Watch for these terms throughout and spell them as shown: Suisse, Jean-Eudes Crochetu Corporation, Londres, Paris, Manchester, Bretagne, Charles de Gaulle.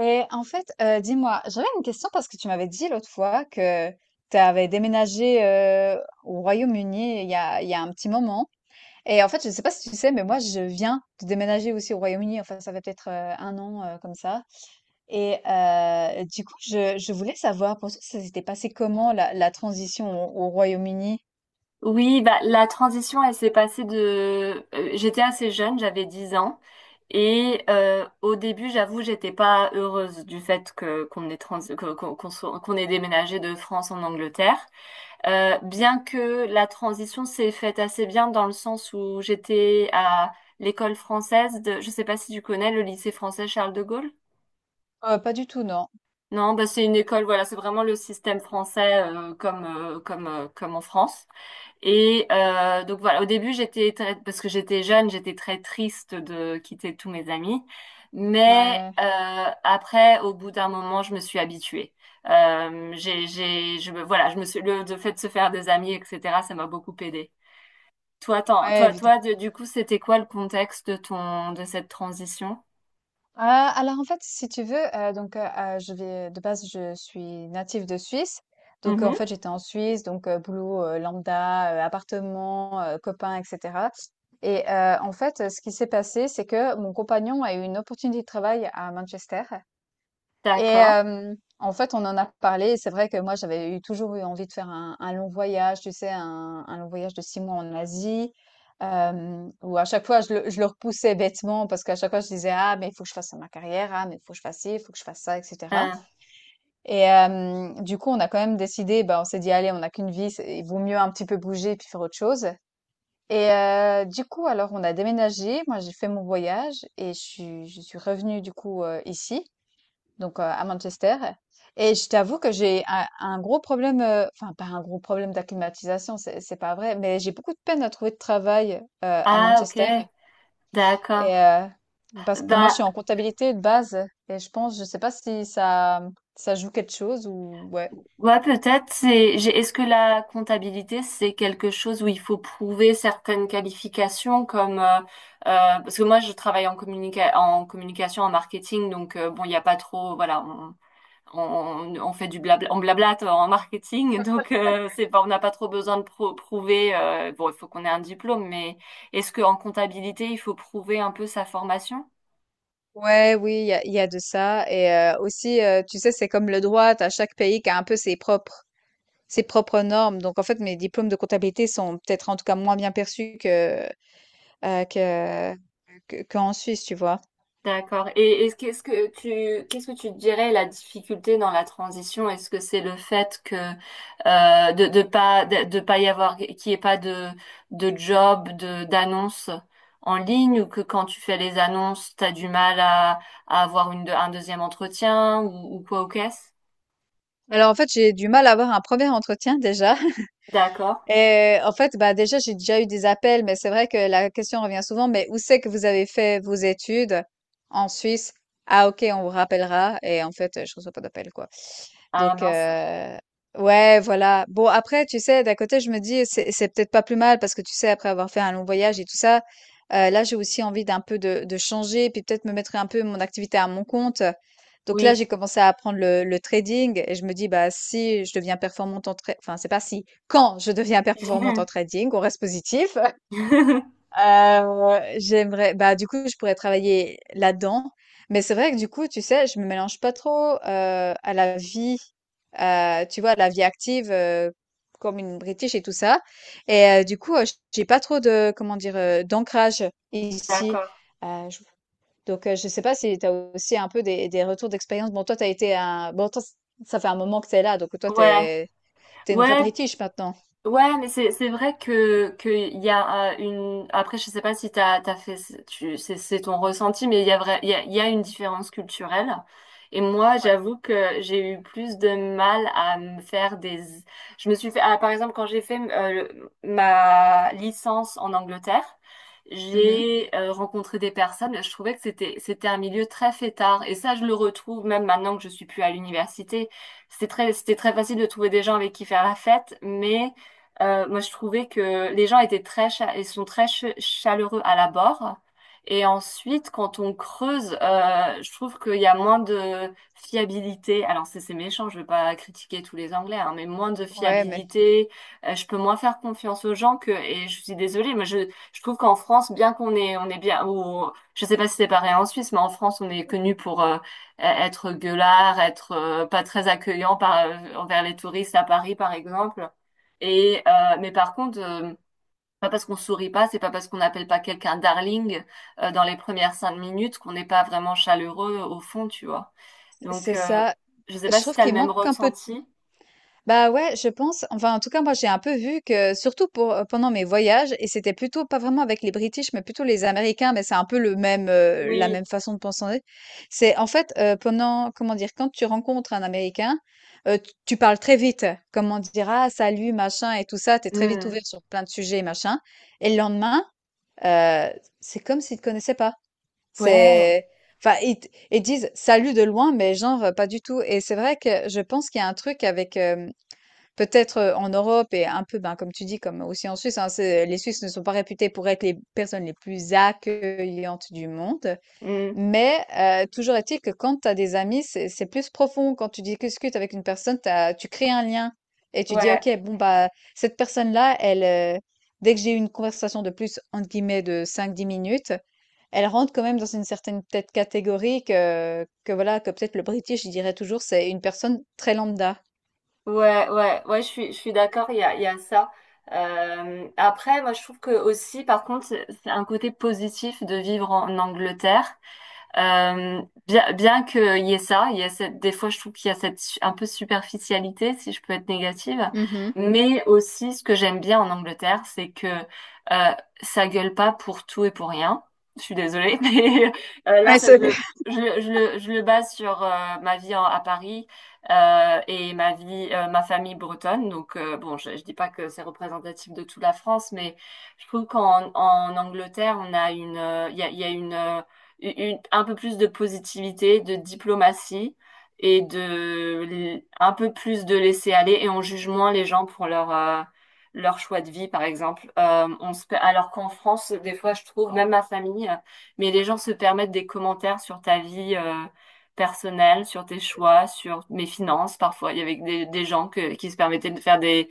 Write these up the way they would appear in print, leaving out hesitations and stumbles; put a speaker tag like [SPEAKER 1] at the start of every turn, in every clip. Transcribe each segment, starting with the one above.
[SPEAKER 1] Et en fait, dis-moi, j'avais une question parce que tu m'avais dit l'autre fois que tu avais déménagé, au Royaume-Uni il y a un petit moment. Et en fait, je ne sais pas si tu sais, mais moi, je viens de déménager aussi au Royaume-Uni. Enfin, ça fait peut-être, 1 an, comme ça. Et du coup, je voulais savoir pour toi, ça s'était passé comment la transition au Royaume-Uni?
[SPEAKER 2] Oui, bah, la transition, elle s'est passée, j'étais assez jeune, j'avais 10 ans. Et au début, j'avoue, j'étais pas heureuse du fait que qu'on ait trans... que- qu'on qu'on soit- qu'on ait déménagé de France en Angleterre. Bien que la transition s'est faite assez bien dans le sens où j'étais à l'école française. Je sais pas si tu connais le lycée français Charles de Gaulle?
[SPEAKER 1] Pas du tout, non.
[SPEAKER 2] Non, bah, c'est une école, voilà, c'est vraiment le système français, comme en France. Et donc voilà, au début j'étais parce que j'étais jeune, j'étais très triste de quitter tous mes amis, mais
[SPEAKER 1] Ouais,
[SPEAKER 2] après, au bout d'un moment, je me suis habituée. Voilà, je me suis, le fait de se faire des amis, etc., ça m'a beaucoup aidée. Toi, attends,
[SPEAKER 1] ouais, évid
[SPEAKER 2] du coup, c'était quoi le contexte de cette transition?
[SPEAKER 1] Alors, en fait, si tu veux, donc, je vais de base, je suis native de Suisse. Donc, en
[SPEAKER 2] Mhm.
[SPEAKER 1] fait, j'étais en Suisse, donc, boulot, lambda, appartement, copain et cetera. Et en fait, ce qui s'est passé, c'est que mon compagnon a eu une opportunité de travail à Manchester. Et
[SPEAKER 2] D'accord.
[SPEAKER 1] en fait, on en a parlé, et c'est vrai que moi, j'avais eu toujours eu envie de faire un long voyage, tu sais, un long voyage de 6 mois en Asie, où à chaque fois, je le repoussais bêtement parce qu'à chaque fois, je disais, ah, mais il faut que je fasse ma carrière, ah, mais il faut que je fasse ci, il faut que je fasse ça, etc.
[SPEAKER 2] Hein.
[SPEAKER 1] Et du coup, on a quand même décidé, bah, on s'est dit, allez, on n'a qu'une vie, il vaut mieux un petit peu bouger puis faire autre chose. Et du coup, alors, on a déménagé. Moi, j'ai fait mon voyage et je suis revenue, du coup, ici donc, à Manchester. Et je t'avoue que j'ai un gros problème, enfin pas un gros problème d'acclimatisation, c'est pas vrai, mais j'ai beaucoup de peine à trouver de travail, à
[SPEAKER 2] Ah, ok.
[SPEAKER 1] Manchester.
[SPEAKER 2] D'accord.
[SPEAKER 1] Et, parce que moi
[SPEAKER 2] Ben.
[SPEAKER 1] je suis en comptabilité de base, et je pense, je sais pas si ça joue quelque chose ou ouais.
[SPEAKER 2] Ouais, peut-être. Est-ce que la comptabilité, c'est quelque chose où il faut prouver certaines qualifications, comme, parce que moi je travaille en en communication, en marketing, donc bon, il n'y a pas trop, voilà, on, on fait du blabla, on blablate en marketing, donc c'est pas, on n'a pas trop besoin de prouver. Bon, il faut qu'on ait un diplôme, mais est-ce que en comptabilité, il faut prouver un peu sa formation?
[SPEAKER 1] Ouais, oui, il y a de ça. Et aussi, tu sais, c'est comme le droit, à chaque pays qui a un peu ses propres normes. Donc, en fait, mes diplômes de comptabilité sont peut-être en tout cas moins bien perçus Heu, que que qu'en Suisse, tu vois?
[SPEAKER 2] D'accord. Et est-ce que, ce que tu, qu'est-ce que tu dirais la difficulté dans la transition? Est-ce que c'est le fait que de pas y avoir qu'il n'y ait pas de job, de d'annonce en ligne, ou que quand tu fais les annonces, tu as du mal à avoir un deuxième entretien, ou quoi au caisse?
[SPEAKER 1] Alors en fait, j'ai du mal à avoir un premier entretien déjà.
[SPEAKER 2] D'accord.
[SPEAKER 1] Et en fait, bah déjà, j'ai déjà eu des appels, mais c'est vrai que la question revient souvent, mais où c'est que vous avez fait vos études en Suisse? Ah ok, on vous rappellera. Et en fait, je reçois pas d'appel, quoi.
[SPEAKER 2] Ah
[SPEAKER 1] Donc,
[SPEAKER 2] mince.
[SPEAKER 1] ouais, voilà. Bon, après, tu sais, d'un côté, je me dis, c'est peut-être pas plus mal, parce que tu sais, après avoir fait un long voyage et tout ça, là, j'ai aussi envie d'un peu de changer, puis peut-être me mettre un peu mon activité à mon compte. Donc là,
[SPEAKER 2] Oui.
[SPEAKER 1] j'ai commencé à apprendre le trading, et je me dis, bah, si je deviens performante en trading, enfin, c'est pas si, quand je deviens performante en trading, on reste positif, j'aimerais, bah, du coup, je pourrais travailler là-dedans. Mais c'est vrai que du coup, tu sais, je me mélange pas trop, à la vie, tu vois, à la vie active, comme une British et tout ça. Et du coup, j'ai pas trop de, comment dire, d'ancrage ici.
[SPEAKER 2] D'accord.
[SPEAKER 1] Je Donc, je sais pas si tu as aussi un peu des retours d'expérience? Bon, toi, tu as été un bon, toi, ç ça fait un moment que tu es là, donc toi, tu
[SPEAKER 2] Ouais.
[SPEAKER 1] es une vraie
[SPEAKER 2] Ouais.
[SPEAKER 1] British maintenant?
[SPEAKER 2] Ouais, mais c'est vrai que il y a, une après, je sais pas si t'as fait tu c'est ton ressenti, mais il y a vrai il y a une différence culturelle. Et moi
[SPEAKER 1] Ouais.
[SPEAKER 2] j'avoue que j'ai eu plus de mal à me faire des... je me suis fait ah, Par exemple, quand j'ai fait ma licence en Angleterre,
[SPEAKER 1] Mmh.
[SPEAKER 2] j'ai rencontré des personnes. Je trouvais que c'était un milieu très fêtard, et ça, je le retrouve même maintenant que je suis plus à l'université. C'était très facile de trouver des gens avec qui faire la fête, mais moi, je trouvais que les gens étaient ils sont très chaleureux à l'abord. Et ensuite, quand on creuse, je trouve qu'il y a moins de fiabilité. Alors, c'est méchant, je ne veux pas critiquer tous les Anglais, hein, mais moins de
[SPEAKER 1] Ouais, mais
[SPEAKER 2] fiabilité. Je peux moins faire confiance aux gens et je suis désolée, mais je trouve qu'en France, bien qu'on est, on est bien, ou, je ne sais pas si c'est pareil en Suisse, mais en France, on est connu pour être gueulard, être pas très accueillant envers les touristes à Paris, par exemple. Et mais par contre, pas parce qu'on sourit pas, c'est pas parce qu'on n'appelle pas quelqu'un darling dans les premières 5 minutes qu'on n'est pas vraiment chaleureux au fond, tu vois. Donc,
[SPEAKER 1] c'est ça.
[SPEAKER 2] je sais
[SPEAKER 1] Je
[SPEAKER 2] pas si
[SPEAKER 1] trouve
[SPEAKER 2] t'as le
[SPEAKER 1] qu'il
[SPEAKER 2] même
[SPEAKER 1] manque un peu.
[SPEAKER 2] ressenti.
[SPEAKER 1] Bah ouais, je pense. Enfin, en tout cas, moi, j'ai un peu vu que, surtout pour, pendant mes voyages, et c'était plutôt pas vraiment avec les British, mais plutôt les Américains, mais c'est un peu le même, la
[SPEAKER 2] Oui.
[SPEAKER 1] même façon de penser. C'est en fait, pendant, comment dire, quand tu rencontres un Américain, tu parles très vite. Comment dire, ah, salut, machin, et tout ça. T'es très vite
[SPEAKER 2] Hmm.
[SPEAKER 1] ouvert sur plein de sujets, machin. Et le lendemain, euh, c'est comme s'ils te connaissaient pas.
[SPEAKER 2] Ouais.
[SPEAKER 1] C'est Enfin, ils, ils disent salut de loin, mais genre, pas du tout. Et c'est vrai que je pense qu'il y a un truc avec, peut-être, en Europe, et un peu, ben, comme tu dis, comme aussi en Suisse, hein, c'est, les Suisses ne sont pas réputés pour être les personnes les plus accueillantes du monde.
[SPEAKER 2] Hmm.
[SPEAKER 1] Mais, toujours est-il que quand tu as des amis, c'est plus profond. Quand tu discutes avec une personne, tu crées un lien, et tu dis:
[SPEAKER 2] Ouais.
[SPEAKER 1] «OK, bon, bah, cette personne-là, elle, heu, dès que j'ai eu une conversation de plus, entre guillemets, de 5-10 minutes, elle rentre quand même dans une certaine peut-être catégorie que voilà, que peut-être le British, je dirais toujours, c'est une personne très lambda».
[SPEAKER 2] Ouais. Ouais. Ouais. Je suis d'accord. Il y a ça. Après, moi, je trouve que aussi, par contre, c'est un côté positif de vivre en Angleterre. Bien qu'il y ait ça, il y a cette, des fois je trouve qu'il y a cette un peu superficialité, si je peux être négative,
[SPEAKER 1] Mmh.
[SPEAKER 2] mais aussi ce que j'aime bien en Angleterre, c'est que ça gueule pas pour tout et pour rien. Je suis désolée, mais là
[SPEAKER 1] Ouais,
[SPEAKER 2] ça,
[SPEAKER 1] c'est
[SPEAKER 2] je le base sur ma vie à Paris, et ma vie, ma famille bretonne. Donc bon, je dis pas que c'est représentatif de toute la France, mais je trouve qu'en Angleterre, il y a une- un peu plus de positivité, de diplomatie, et de un peu plus de laisser aller et on juge moins les gens pour leur leur choix de vie, par exemple. Alors qu'en France, des fois, je trouve même ma famille, mais les gens se permettent des commentaires sur ta vie, personnelle, sur tes choix, sur mes finances parfois. Il y avait des gens que, qui se permettaient de faire des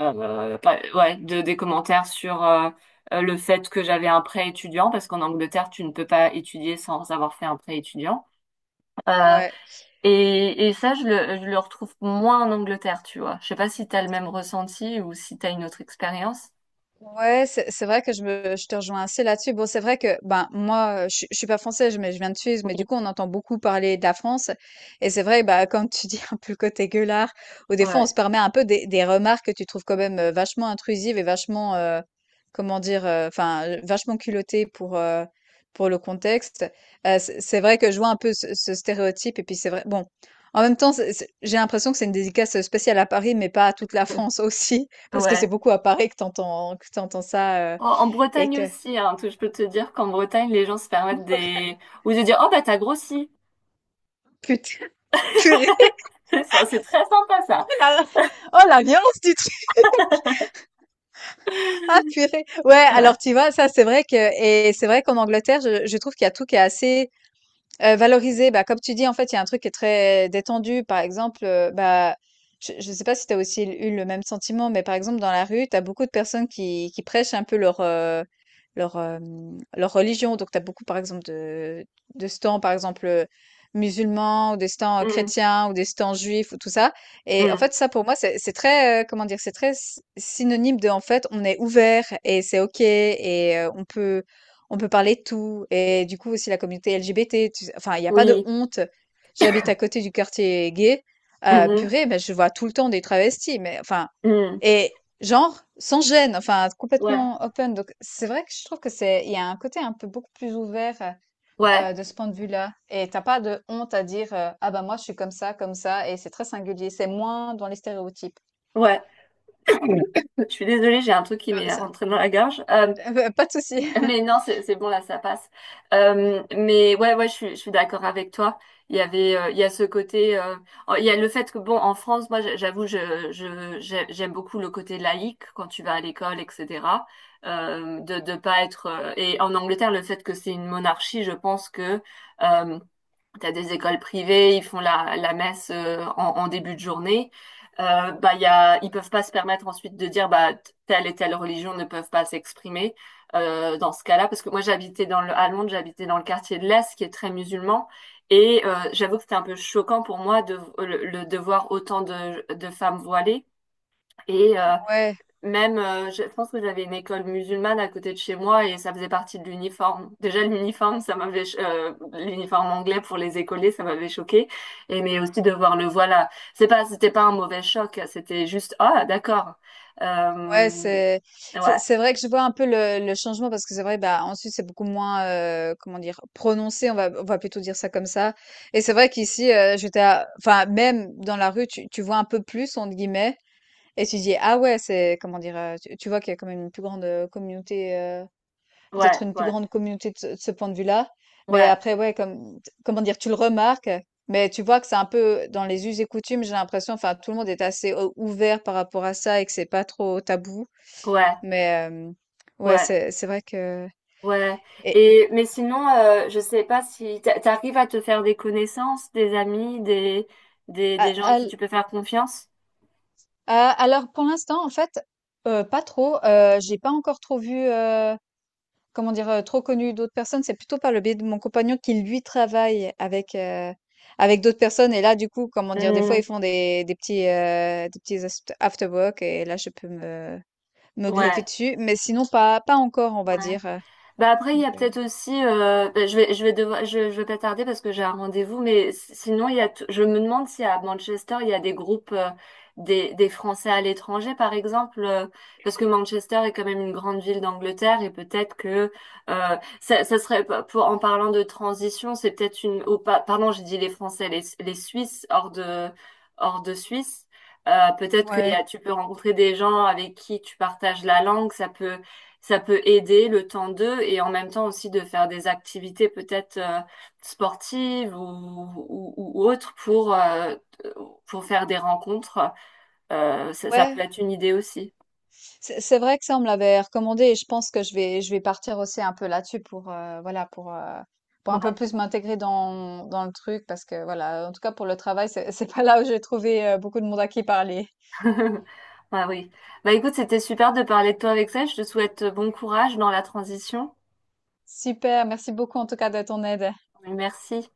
[SPEAKER 2] ouais, des commentaires sur le fait que j'avais un prêt étudiant, parce qu'en Angleterre, tu ne peux pas étudier sans avoir fait un prêt étudiant. Euh,
[SPEAKER 1] ouais.
[SPEAKER 2] et ça, je le retrouve moins en Angleterre, tu vois. Je sais pas si t'as le même ressenti ou si t'as une autre expérience.
[SPEAKER 1] Ouais, c'est vrai que je te rejoins assez là-dessus. Bon, c'est vrai que ben moi, je suis pas française, mais je viens de Suisse, mais
[SPEAKER 2] Oui.
[SPEAKER 1] du coup, on entend beaucoup parler de la France. Et c'est vrai, bah comme tu dis un peu le côté gueulard, ou des fois,
[SPEAKER 2] Ouais,
[SPEAKER 1] on se permet un peu des remarques que tu trouves quand même, vachement intrusives et vachement, comment dire, enfin, vachement culottées pour le contexte. C'est vrai que je vois un peu ce stéréotype. Et puis c'est vrai, bon, en même temps, j'ai l'impression que c'est une dédicace spéciale à Paris, mais pas à toute la France aussi. Parce que c'est
[SPEAKER 2] ouais.
[SPEAKER 1] beaucoup à Paris que t'entends ça,
[SPEAKER 2] En
[SPEAKER 1] et
[SPEAKER 2] Bretagne
[SPEAKER 1] que
[SPEAKER 2] aussi, hein, je peux te dire qu'en Bretagne, les gens se permettent des, ou de dire: «Oh, bah, t'as grossi.»
[SPEAKER 1] putain, purée,
[SPEAKER 2] Ça, c'est très sympa, ça.
[SPEAKER 1] oh la, oh la violence du truc! Ah purée! Ouais,
[SPEAKER 2] Ouais.
[SPEAKER 1] alors tu vois, ça, c'est vrai qu'en Angleterre, je trouve qu'il y a tout qui est assez. Valoriser, bah, comme tu dis, en fait, il y a un truc qui est très détendu. Par exemple, bah, je sais pas si tu as aussi eu le même sentiment, mais par exemple, dans la rue, tu as beaucoup de personnes qui prêchent un peu leur religion. Donc tu as beaucoup, par exemple, de stands, par exemple, musulmans, ou des stands,
[SPEAKER 2] Mm,
[SPEAKER 1] chrétiens, ou des stands juifs, ou tout ça. Et en
[SPEAKER 2] mm.
[SPEAKER 1] fait, ça, pour moi, c'est très, comment dire? C'est très s synonyme de, en fait, on est ouvert et c'est OK, et on peut parler de tout. Et du coup aussi la communauté LGBT, tu sais, enfin il y a pas de
[SPEAKER 2] Oui.
[SPEAKER 1] honte. J'habite à côté du quartier gay,
[SPEAKER 2] Mhm,
[SPEAKER 1] purée, mais je vois tout le temps des travestis, mais enfin,
[SPEAKER 2] mm.
[SPEAKER 1] et genre sans gêne, enfin
[SPEAKER 2] Ouais,
[SPEAKER 1] complètement open. Donc c'est vrai que je trouve que c'est il y a un côté un peu beaucoup plus ouvert,
[SPEAKER 2] ouais,
[SPEAKER 1] de ce point de vue-là, et t'as pas de honte à dire, «Ah bah moi je suis comme ça, comme ça», et c'est très singulier, c'est moins dans les stéréotypes.
[SPEAKER 2] ouais. Je suis désolée, j'ai un truc qui m'est
[SPEAKER 1] Ça,
[SPEAKER 2] rentré dans la gorge.
[SPEAKER 1] pas de souci.
[SPEAKER 2] Mais non, c'est bon, là, ça passe. Mais ouais, ouais, je suis d'accord avec toi. Il y avait, euh, il y a ce côté, euh, il y a le fait que, bon, en France, moi, j'avoue, j'aime beaucoup le côté laïque quand tu vas à l'école, etc. De pas être, et en Angleterre, le fait que c'est une monarchie, je pense que, euh, t'as des écoles privées, ils font la messe en début de journée. Bah, ils peuvent pas se permettre ensuite de dire, bah, telle et telle religion ne peuvent pas s'exprimer dans ce cas-là. Parce que moi j'habitais à Londres, j'habitais dans le quartier de l'Est qui est très musulman. Et j'avoue que c'était un peu choquant pour moi de de voir autant de femmes voilées. Et
[SPEAKER 1] Ouais.
[SPEAKER 2] même, je pense que j'avais une école musulmane à côté de chez moi et ça faisait partie de l'uniforme. Déjà, l'uniforme, l'uniforme anglais pour les écoliers, ça m'avait choqué. Et mais aussi de voir, le voilà. C'était pas un mauvais choc, c'était juste, ah, d'accord.
[SPEAKER 1] Ouais,
[SPEAKER 2] Euh,
[SPEAKER 1] c'est c'est
[SPEAKER 2] ouais,
[SPEAKER 1] c'est vrai que je vois un peu le changement, parce que c'est vrai, bah en Suisse c'est beaucoup moins, comment dire, prononcé, on va, plutôt dire ça comme ça. Et c'est vrai qu'ici, enfin, même dans la rue tu vois un peu plus entre guillemets, et tu dis, ah ouais, c'est, comment dire, tu vois qu'il y a quand même une plus grande, communauté,
[SPEAKER 2] ouais,
[SPEAKER 1] peut-être une plus
[SPEAKER 2] ouais,
[SPEAKER 1] grande communauté de ce point de vue-là. Mais
[SPEAKER 2] ouais,
[SPEAKER 1] après, ouais, comment dire, tu le remarques, mais tu vois que c'est un peu dans les us et coutumes, j'ai l'impression, enfin tout le monde est assez, ouvert par rapport à ça, et que c'est pas trop tabou.
[SPEAKER 2] ouais,
[SPEAKER 1] Mais, ouais,
[SPEAKER 2] ouais,
[SPEAKER 1] c'est vrai que.
[SPEAKER 2] ouais.
[SPEAKER 1] Et
[SPEAKER 2] Et mais sinon, je sais pas si t'arrives à te faire des connaissances, des amis, des
[SPEAKER 1] à-
[SPEAKER 2] gens à
[SPEAKER 1] à
[SPEAKER 2] qui
[SPEAKER 1] l-
[SPEAKER 2] tu peux faire confiance.
[SPEAKER 1] alors pour l'instant, en fait, pas trop. J'ai pas encore trop vu, comment dire, trop connu d'autres personnes. C'est plutôt par le biais de mon compagnon qui lui travaille avec d'autres personnes, et là du coup, comment dire, des fois
[SPEAKER 2] Hmm,
[SPEAKER 1] ils font des petits, after work, et là je peux me greffer
[SPEAKER 2] ouais,
[SPEAKER 1] dessus. Mais sinon pas encore, on va
[SPEAKER 2] ouais.
[SPEAKER 1] dire.
[SPEAKER 2] Bah après, il y
[SPEAKER 1] Donc,
[SPEAKER 2] a peut-être aussi, bah, je vais pas tarder parce que j'ai un rendez-vous, mais sinon, il y a, t- je me demande si à Manchester, il y a des groupes, des Français à l'étranger, par exemple, parce que Manchester est quand même une grande ville d'Angleterre, et peut-être que, ça serait, en parlant de transition, c'est peut-être oh, pardon, j'ai dit les Français, les Suisses hors de Suisse. Peut-être
[SPEAKER 1] ouais,
[SPEAKER 2] tu peux rencontrer des gens avec qui tu partages la langue, ça peut aider, le temps d'eux, et en même temps aussi de faire des activités peut-être sportives, ou autres, pour pour faire des rencontres. Ça, ça peut
[SPEAKER 1] ouais.
[SPEAKER 2] être une idée aussi.
[SPEAKER 1] C'est vrai que ça, on me l'avait recommandé, et je pense que je vais partir aussi un peu là-dessus pour, voilà, pour un peu
[SPEAKER 2] Ouais.
[SPEAKER 1] plus m'intégrer dans le truc, parce que voilà, en tout cas pour le travail, c'est c'est pas là où j'ai trouvé, beaucoup de monde à qui parler.
[SPEAKER 2] Ah oui. Bah écoute, c'était super de parler de toi avec ça. Je te souhaite bon courage dans la transition.
[SPEAKER 1] Super, merci beaucoup en tout cas de ton aide.
[SPEAKER 2] Merci.